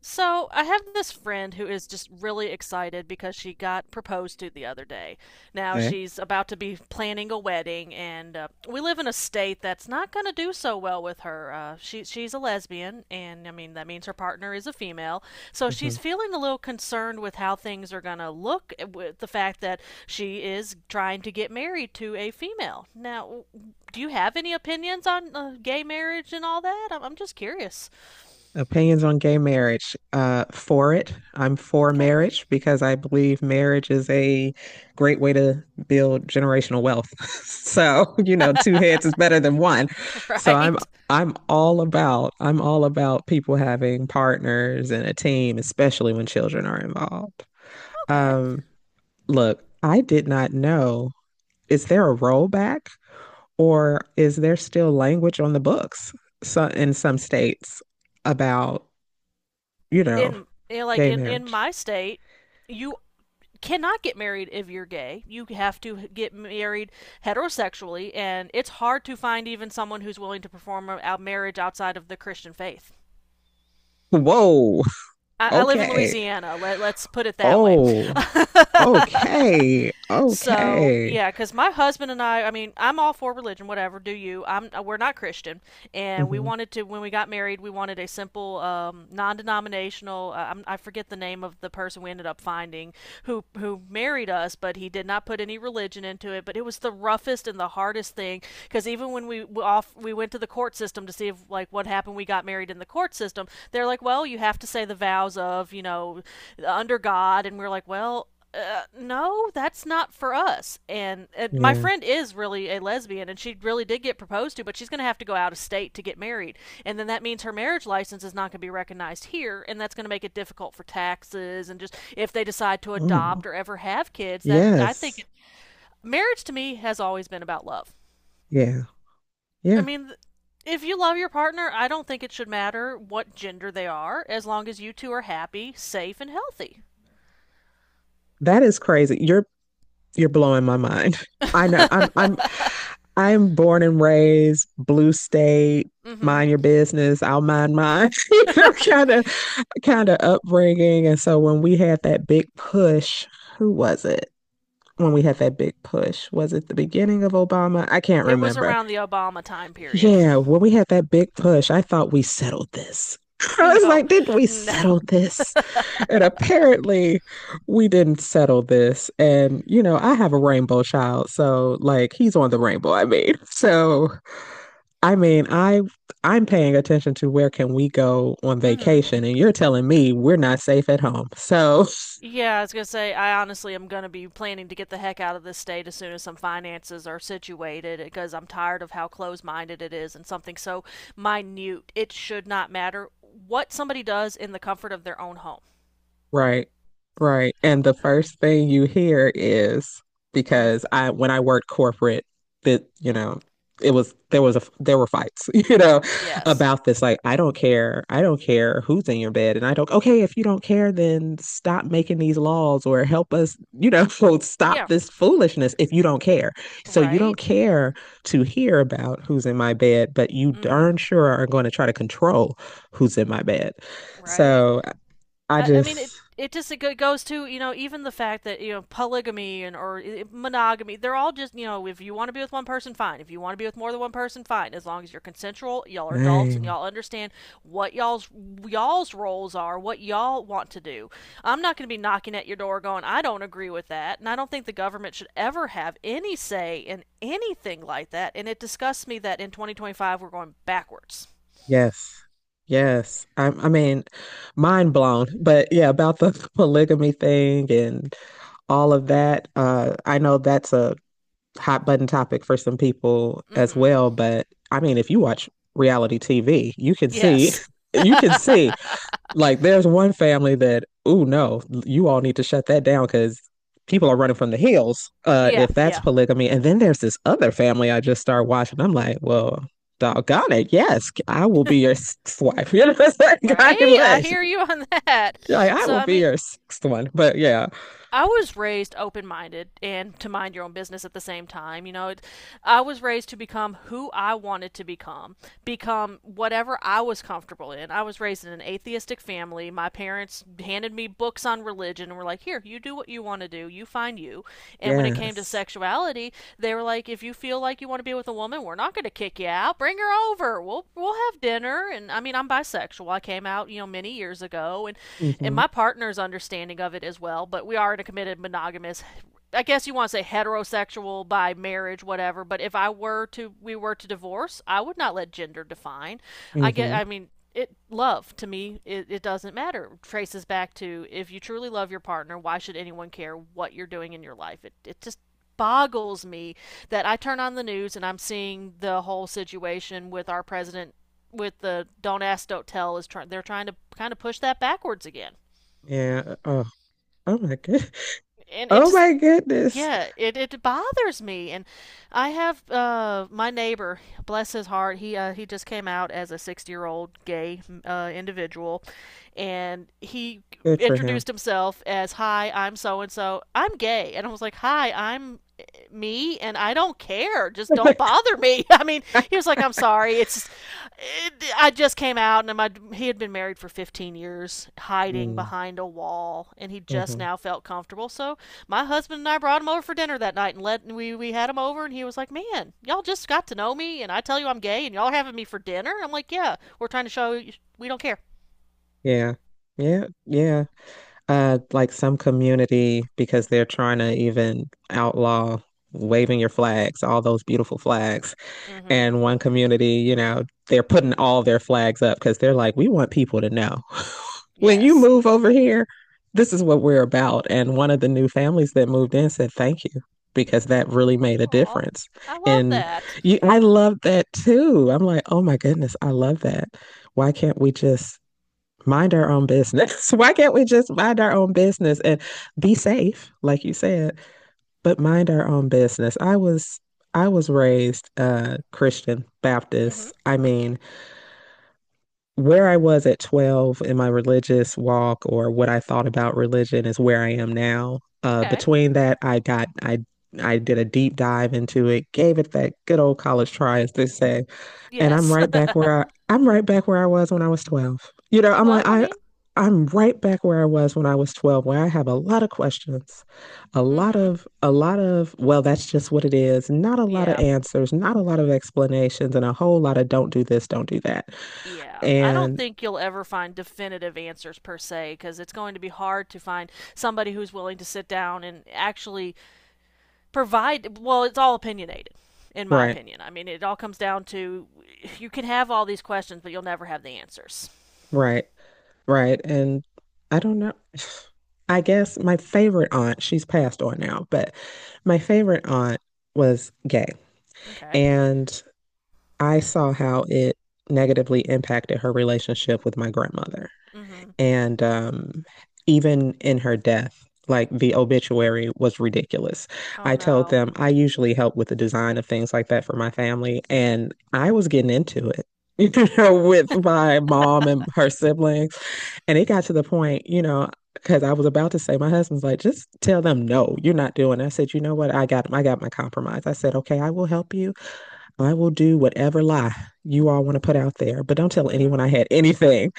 So, I have this friend who is just really excited because she got proposed to the other day. Now, Okay. she's about to be planning a wedding, and we live in a state that's not going to do so well with her. She's a lesbian, and I mean, that means her partner is a female. So, she's Mhm. feeling a little concerned with how things are going to look with the fact that she is trying to get married to a female. Now, do you have any opinions on gay marriage and all that? I'm just curious. Opinions on gay marriage. For it. I'm for Okay. marriage because I believe marriage is a great way to build generational wealth. So, you know, two heads is better than one. So I'm Right? I'm all about people having partners and a team, especially when children are involved. Okay. Um, Look, I did not know. Is there a rollback? Or is there still language on the books so, in some states about, you know, In you know, like gay in marriage? my state, you cannot get married if you're gay. You have to get married heterosexually, and it's hard to find even someone who's willing to perform a marriage outside of the Christian faith. Whoa. I live in Okay. Louisiana. Let's put it that way. Oh, okay. So Okay. yeah, because my husband and I mean, I'm all for religion, whatever. Do you? I'm. We're not Christian, and we Hmm. wanted to when we got married, we wanted a simple, non-denominational. I forget the name of the person we ended up finding who married us, but he did not put any religion into it. But it was the roughest and the hardest thing because even when we off we went to the court system to see if like what happened. We got married in the court system. They're like, well, you have to say the vows of, you know, under God, and we're like, well, no, that's not for us. And my Yeah. friend is really a lesbian, and she really did get proposed to, but she's going to have to go out of state to get married. And then that means her marriage license is not going to be recognized here, and that's going to make it difficult for taxes and just if they decide to Mm. adopt or ever have kids. That I think Yes. it, Marriage to me has always been about love. Yeah. I Yeah. mean, if you love your partner, I don't think it should matter what gender they are, as long as you two are happy, safe, and healthy. That is crazy. You're blowing my mind. I know. I'm born and raised blue state. Hmm. Mind your business. I'll mind mine. Kind of upbringing. And so when we had that big push, who was it? When we had that big push, was it the beginning of Obama? I can't It was remember. around the Obama time period. Yeah, when we had that big push, I thought we settled this. I was No, like, did we no. settle this? And apparently, we didn't settle this. And, you know, I have a rainbow child. So, like, he's on the rainbow, I mean. So, I I'm paying attention to where can we go on Mm-hmm. vacation, and you're telling me we're not safe at home. So, Yeah, I was gonna say I honestly am gonna be planning to get the heck out of this state as soon as some finances are situated because I'm tired of how close-minded it is and something so minute. It should not matter what somebody does in the comfort of their own home. right. Right. And the first thing you hear is Mm, because I when I worked corporate, that you know it was there was a there were fights, you know, yes. about this. Like, I don't care. I don't care who's in your bed, and I don't. Okay, if you don't care, then stop making these laws or help us, you know, stop Yeah. this foolishness if you don't care. So you don't Right. care to hear about who's in my bed, but you Mm-hmm. darn sure are going to try to control who's in my bed. Right. So I I mean, it just it just it goes to, you know, even the fact that, you know, polygamy and or monogamy, they're all just, you know, if you want to be with one person, fine. If you want to be with more than one person, fine, as long as you're consensual, y'all are adults and Dang. y'all understand what y'all's roles are, what y'all want to do. I'm not going to be knocking at your door going, I don't agree with that, and I don't think the government should ever have any say in anything like that. And it disgusts me that in 2025 we're going backwards. Yes. Yes, I mean, mind blown. But yeah, about the polygamy thing and all of that, I know that's a hot button topic for some people as Mhm. well. But I mean, if you watch reality TV, you can Yes. you can see. Like, there's one family that, oh no, you all need to shut that down because people are running from the hills, Yeah, if that's yeah. polygamy. And then there's this other family I just started watching. I'm like, well, doggone it, yes, I will be your sixth wife. You know what I'm saying? God Right? I bless. hear you on that. Like, I So, will I be mean, your sixth one. But yeah, I was raised open minded and to mind your own business at the same time. You know, I was raised to become who I wanted to become, whatever I was comfortable in. I was raised in an atheistic family. My parents handed me books on religion and were like, here, you do what you want to do, you find you. And when it came to yes. sexuality, they were like, if you feel like you want to be with a woman, we're not going to kick you out. Bring her over. We'll have dinner. And I mean, I'm bisexual. I came out, you know, many years ago, and Mm-hmm. my partner's understanding of it as well. But we are in a committed monogamous, I guess you want to say, heterosexual by marriage, whatever. But if we were to divorce, I would not let gender define. I get. Mm-hmm. I mean, it love to me. It doesn't matter. It traces back to if you truly love your partner, why should anyone care what you're doing in your life? It just boggles me that I turn on the news and I'm seeing the whole situation with our president, with the don't ask don't tell. Is trying They're trying to kind of push that backwards again, Yeah. Oh. Oh my good. and it Oh just— my goodness. Yeah, it bothers me. And I have my neighbor, bless his heart, he just came out as a 60-year-old gay individual, and he Good for him. introduced himself as, "Hi, I'm so and so. I'm gay." And I was like, "Hi, I'm me, and I don't care. Just don't bother me." I mean, he was like, "I'm sorry. I just came out." and my He had been married for 15 years, hiding Mm, behind a wall, and he just mhm. now felt comfortable. So, my husband and I brought him over for dinner that night, and we had him over, and he was like, "Man, y'all just got to know me and I tell you I'm gay and y'all are having me for dinner." I'm like, "Yeah, we're trying to show you we don't care." Yeah. Yeah. Yeah. Like some community because they're trying to even outlaw waving your flags, all those beautiful flags. mm Mhm. And one community, you know, they're putting all their flags up because they're like, we want people to know when you Yes. move over here, this is what we're about. And one of the new families that moved in said, thank you because that really made a Aw. difference. I love And that. you, I love that too. I'm like, oh my goodness, I love that. Why can't we just mind our own business? Why can't we just mind our own business and be safe, like you said? But mind our own business. I was raised Christian Mm Mhm. Baptist. I mean, where I was at 12 in my religious walk or what I thought about religion is where I am now. Okay. Between that, I got I did a deep dive into it, gave it that good old college try, as they say. And Yes. I'm right back where I was when I was 12. You know, Well, I mean, I'm right back where I was when I was 12, where I have a lot of questions, mm mhm. A lot of well, that's just what it is, not a lot of Yeah. answers, not a lot of explanations, and a whole lot of don't do this, don't do that. Yeah. I don't And think you'll ever find definitive answers per se because it's going to be hard to find somebody who's willing to sit down and actually provide— well, it's all opinionated, in my right, opinion. I mean, it all comes down to, you can have all these questions but you'll never have the answers. right, right. And I don't know. I guess my favorite aunt, she's passed on now, but my favorite aunt was gay. Okay. And I saw how it negatively impacted her relationship with my grandmother. Mhm. And even in her death, like the obituary was ridiculous. Oh I told no. them I usually help with the design of things like that for my family, and I was getting into it. You know, with my mom and her siblings. And it got to the point, you know, because I was about to say, my husband's like, just tell them no, you're not doing. It." I said, you know what? I got my compromise. I said, okay, I will help you. I will do whatever lie you all want to put out there, but don't tell anyone Mhm. I had anything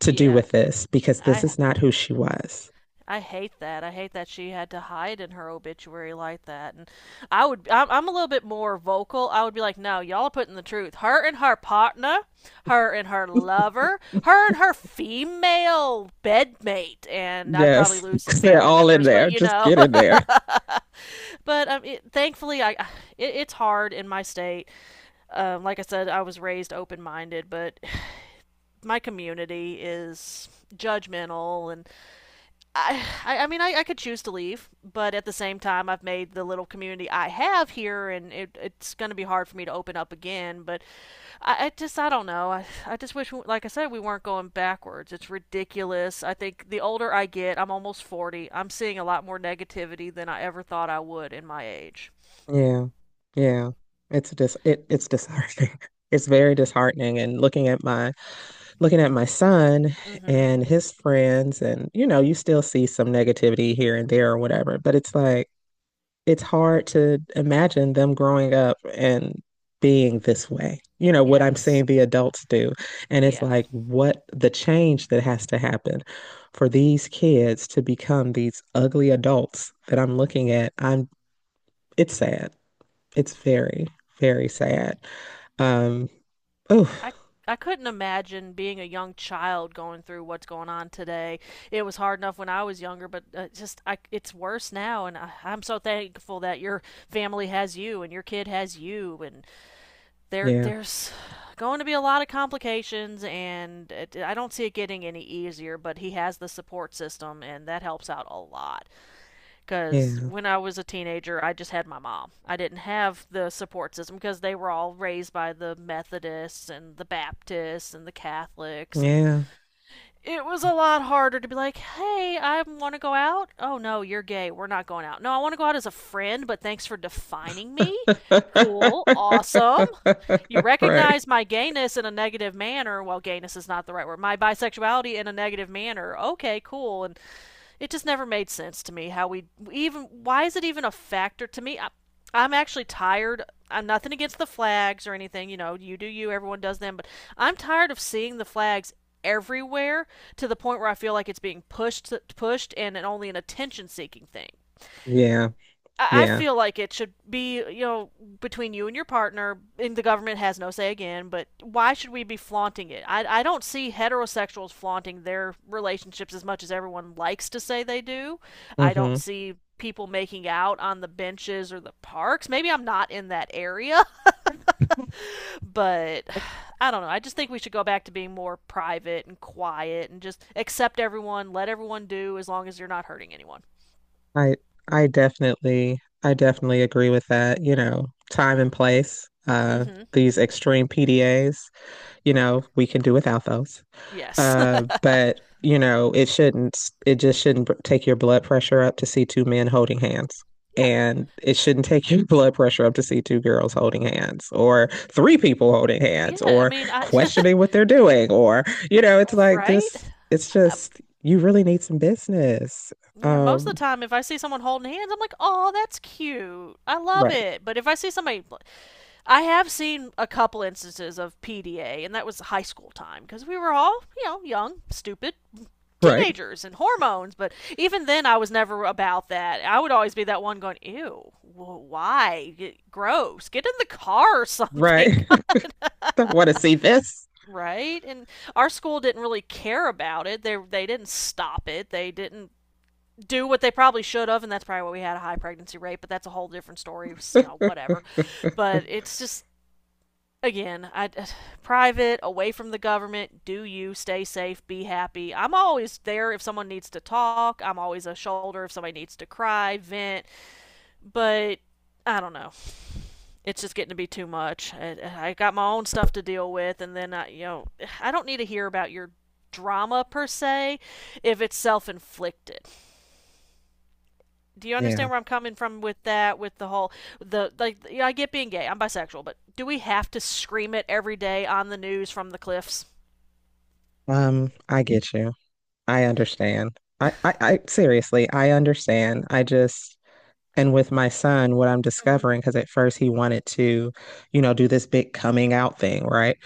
to do Yeah. with this because this i is not who she was. i hate that. I hate that she had to hide in her obituary like that. And I'm a little bit more vocal. I would be like, no, y'all are putting the truth, her and her partner, her and her lover, her and her female bedmate. And I'd probably Yes, lose some they're family all in members, but there. you Just know. get in there. But thankfully, I— it's hard in my state. Like I said, I was raised open minded, but my community is judgmental, and I— I mean I could choose to leave, but at the same time, I've made the little community I have here, and it's going to be hard for me to open up again. But I just— I don't know. I just wish like I said, we weren't going backwards. It's ridiculous. I think the older I get, I'm almost 40. I'm seeing a lot more negativity than I ever thought I would in my age. Yeah, yeah. It's disheartening. It's very disheartening. And looking at my son Mm-hmm. and his friends, and you know, you still see some negativity here and there or whatever, but it's like it's hard to imagine them growing up and being this way. You know, what I'm Yes. seeing the adults do. And it's Yeah. like what the change that has to happen for these kids to become these ugly adults that I'm looking at. I'm it's sad. It's very, very sad. Um, oh, I I couldn't imagine being a young child going through what's going on today. It was hard enough when I was younger, but just I it's worse now, and I'm so thankful that your family has you and your kid has you, and there yeah, there's going to be a lot of complications, and I don't see it getting any easier, but he has the support system and that helps out a lot. Because yeah, when I was a teenager, I just had my mom. I didn't have the support system because they were all raised by the Methodists and the Baptists and the Catholics. And yeah. it was a lot harder to be like, hey, I want to go out. Oh, no, you're gay. We're not going out. No, I want to go out as a friend, but thanks for defining me. Cool. Awesome. You Right. recognize my gayness in a negative manner. Well, gayness is not the right word. My bisexuality in a negative manner. Okay, cool. And it just never made sense to me how we— even why is it even a factor to me? I'm actually tired. I'm— nothing against the flags or anything, you know, you do you, everyone does them, but I'm tired of seeing the flags everywhere to the point where I feel like it's being pushed and only an attention seeking thing. Yeah, I yeah. feel like it should be, you know, between you and your partner, and the government has no say again, but why should we be flaunting it? I don't see heterosexuals flaunting their relationships as much as everyone likes to say they do. I don't Hmm. see people making out on the benches or the parks. Maybe I'm not in that area, but I don't know. I just think we should go back to being more private and quiet and just accept everyone, let everyone do as long as you're not hurting anyone. I I definitely agree with that. You know, time and place. Mm hmm. These extreme PDAs. You know, we can do without those. Yes. But you know, it shouldn't. It just shouldn't take your blood pressure up to see two men holding hands. Yeah. And it shouldn't take your blood pressure up to see two girls holding hands or three people holding hands Yeah. I or mean, I— questioning what they're doing. Or, you know, it's like Right? this, it's Um, just, you really need some business. yeah, most of Um, the time, if I see someone holding hands, I'm like, oh, that's cute. I love right. it. But if I see somebody— I have seen a couple instances of PDA, and that was high school time because we were all, you know, young, stupid Right. teenagers and hormones. But even then, I was never about that. I would always be that one going, ew, why? Get— gross. Get in the car or something. Right. I want to see this. Right? And our school didn't really care about it. They didn't stop it, they didn't do what they probably should have, and that's probably why we had a high pregnancy rate. But that's a whole different story. You know, whatever. But it's just, again, I— private, away from the government. Do you stay safe? Be happy. I'm always there if someone needs to talk. I'm always a shoulder if somebody needs to cry, vent. But I don't know. It's just getting to be too much. I got my own stuff to deal with, and then you know, I don't need to hear about your drama per se if it's self-inflicted. Do you Yeah. understand where I'm coming from with that? With the whole, you know, I get being gay. I'm bisexual, but do we have to scream it every day on the news from the cliffs? I get you. I understand. I seriously, I understand. I just. And with my son, what I'm Mm-hmm. discovering, because at first he wanted to, you know, do this big coming out thing, right?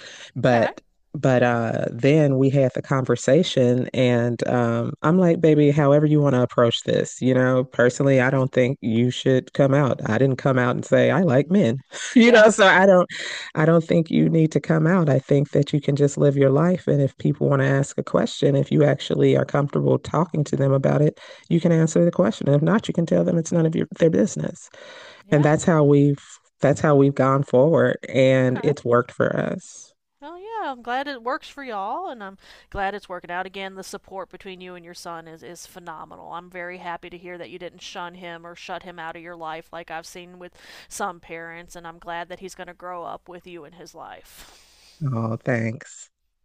Okay. But then we had the conversation, and I'm like, baby, however you want to approach this, you know, personally, I Okay. don't think you should come out. I didn't come out and say I like men. You Yeah. know, so I don't think you need to come out. I think that you can just live your life, and if people want to ask a question, if you actually are comfortable talking to them about it, you can answer the question. If not, you can tell them it's none of your, their business. And Yeah. That's how we've gone forward, and Okay. it's worked for us. Well, yeah. I'm glad it works for y'all, and I'm glad it's working out. Again, the support between you and your son is phenomenal. I'm very happy to hear that you didn't shun him or shut him out of your life like I've seen with some parents, and I'm glad that he's going to grow up with you in his life. Oh, thanks.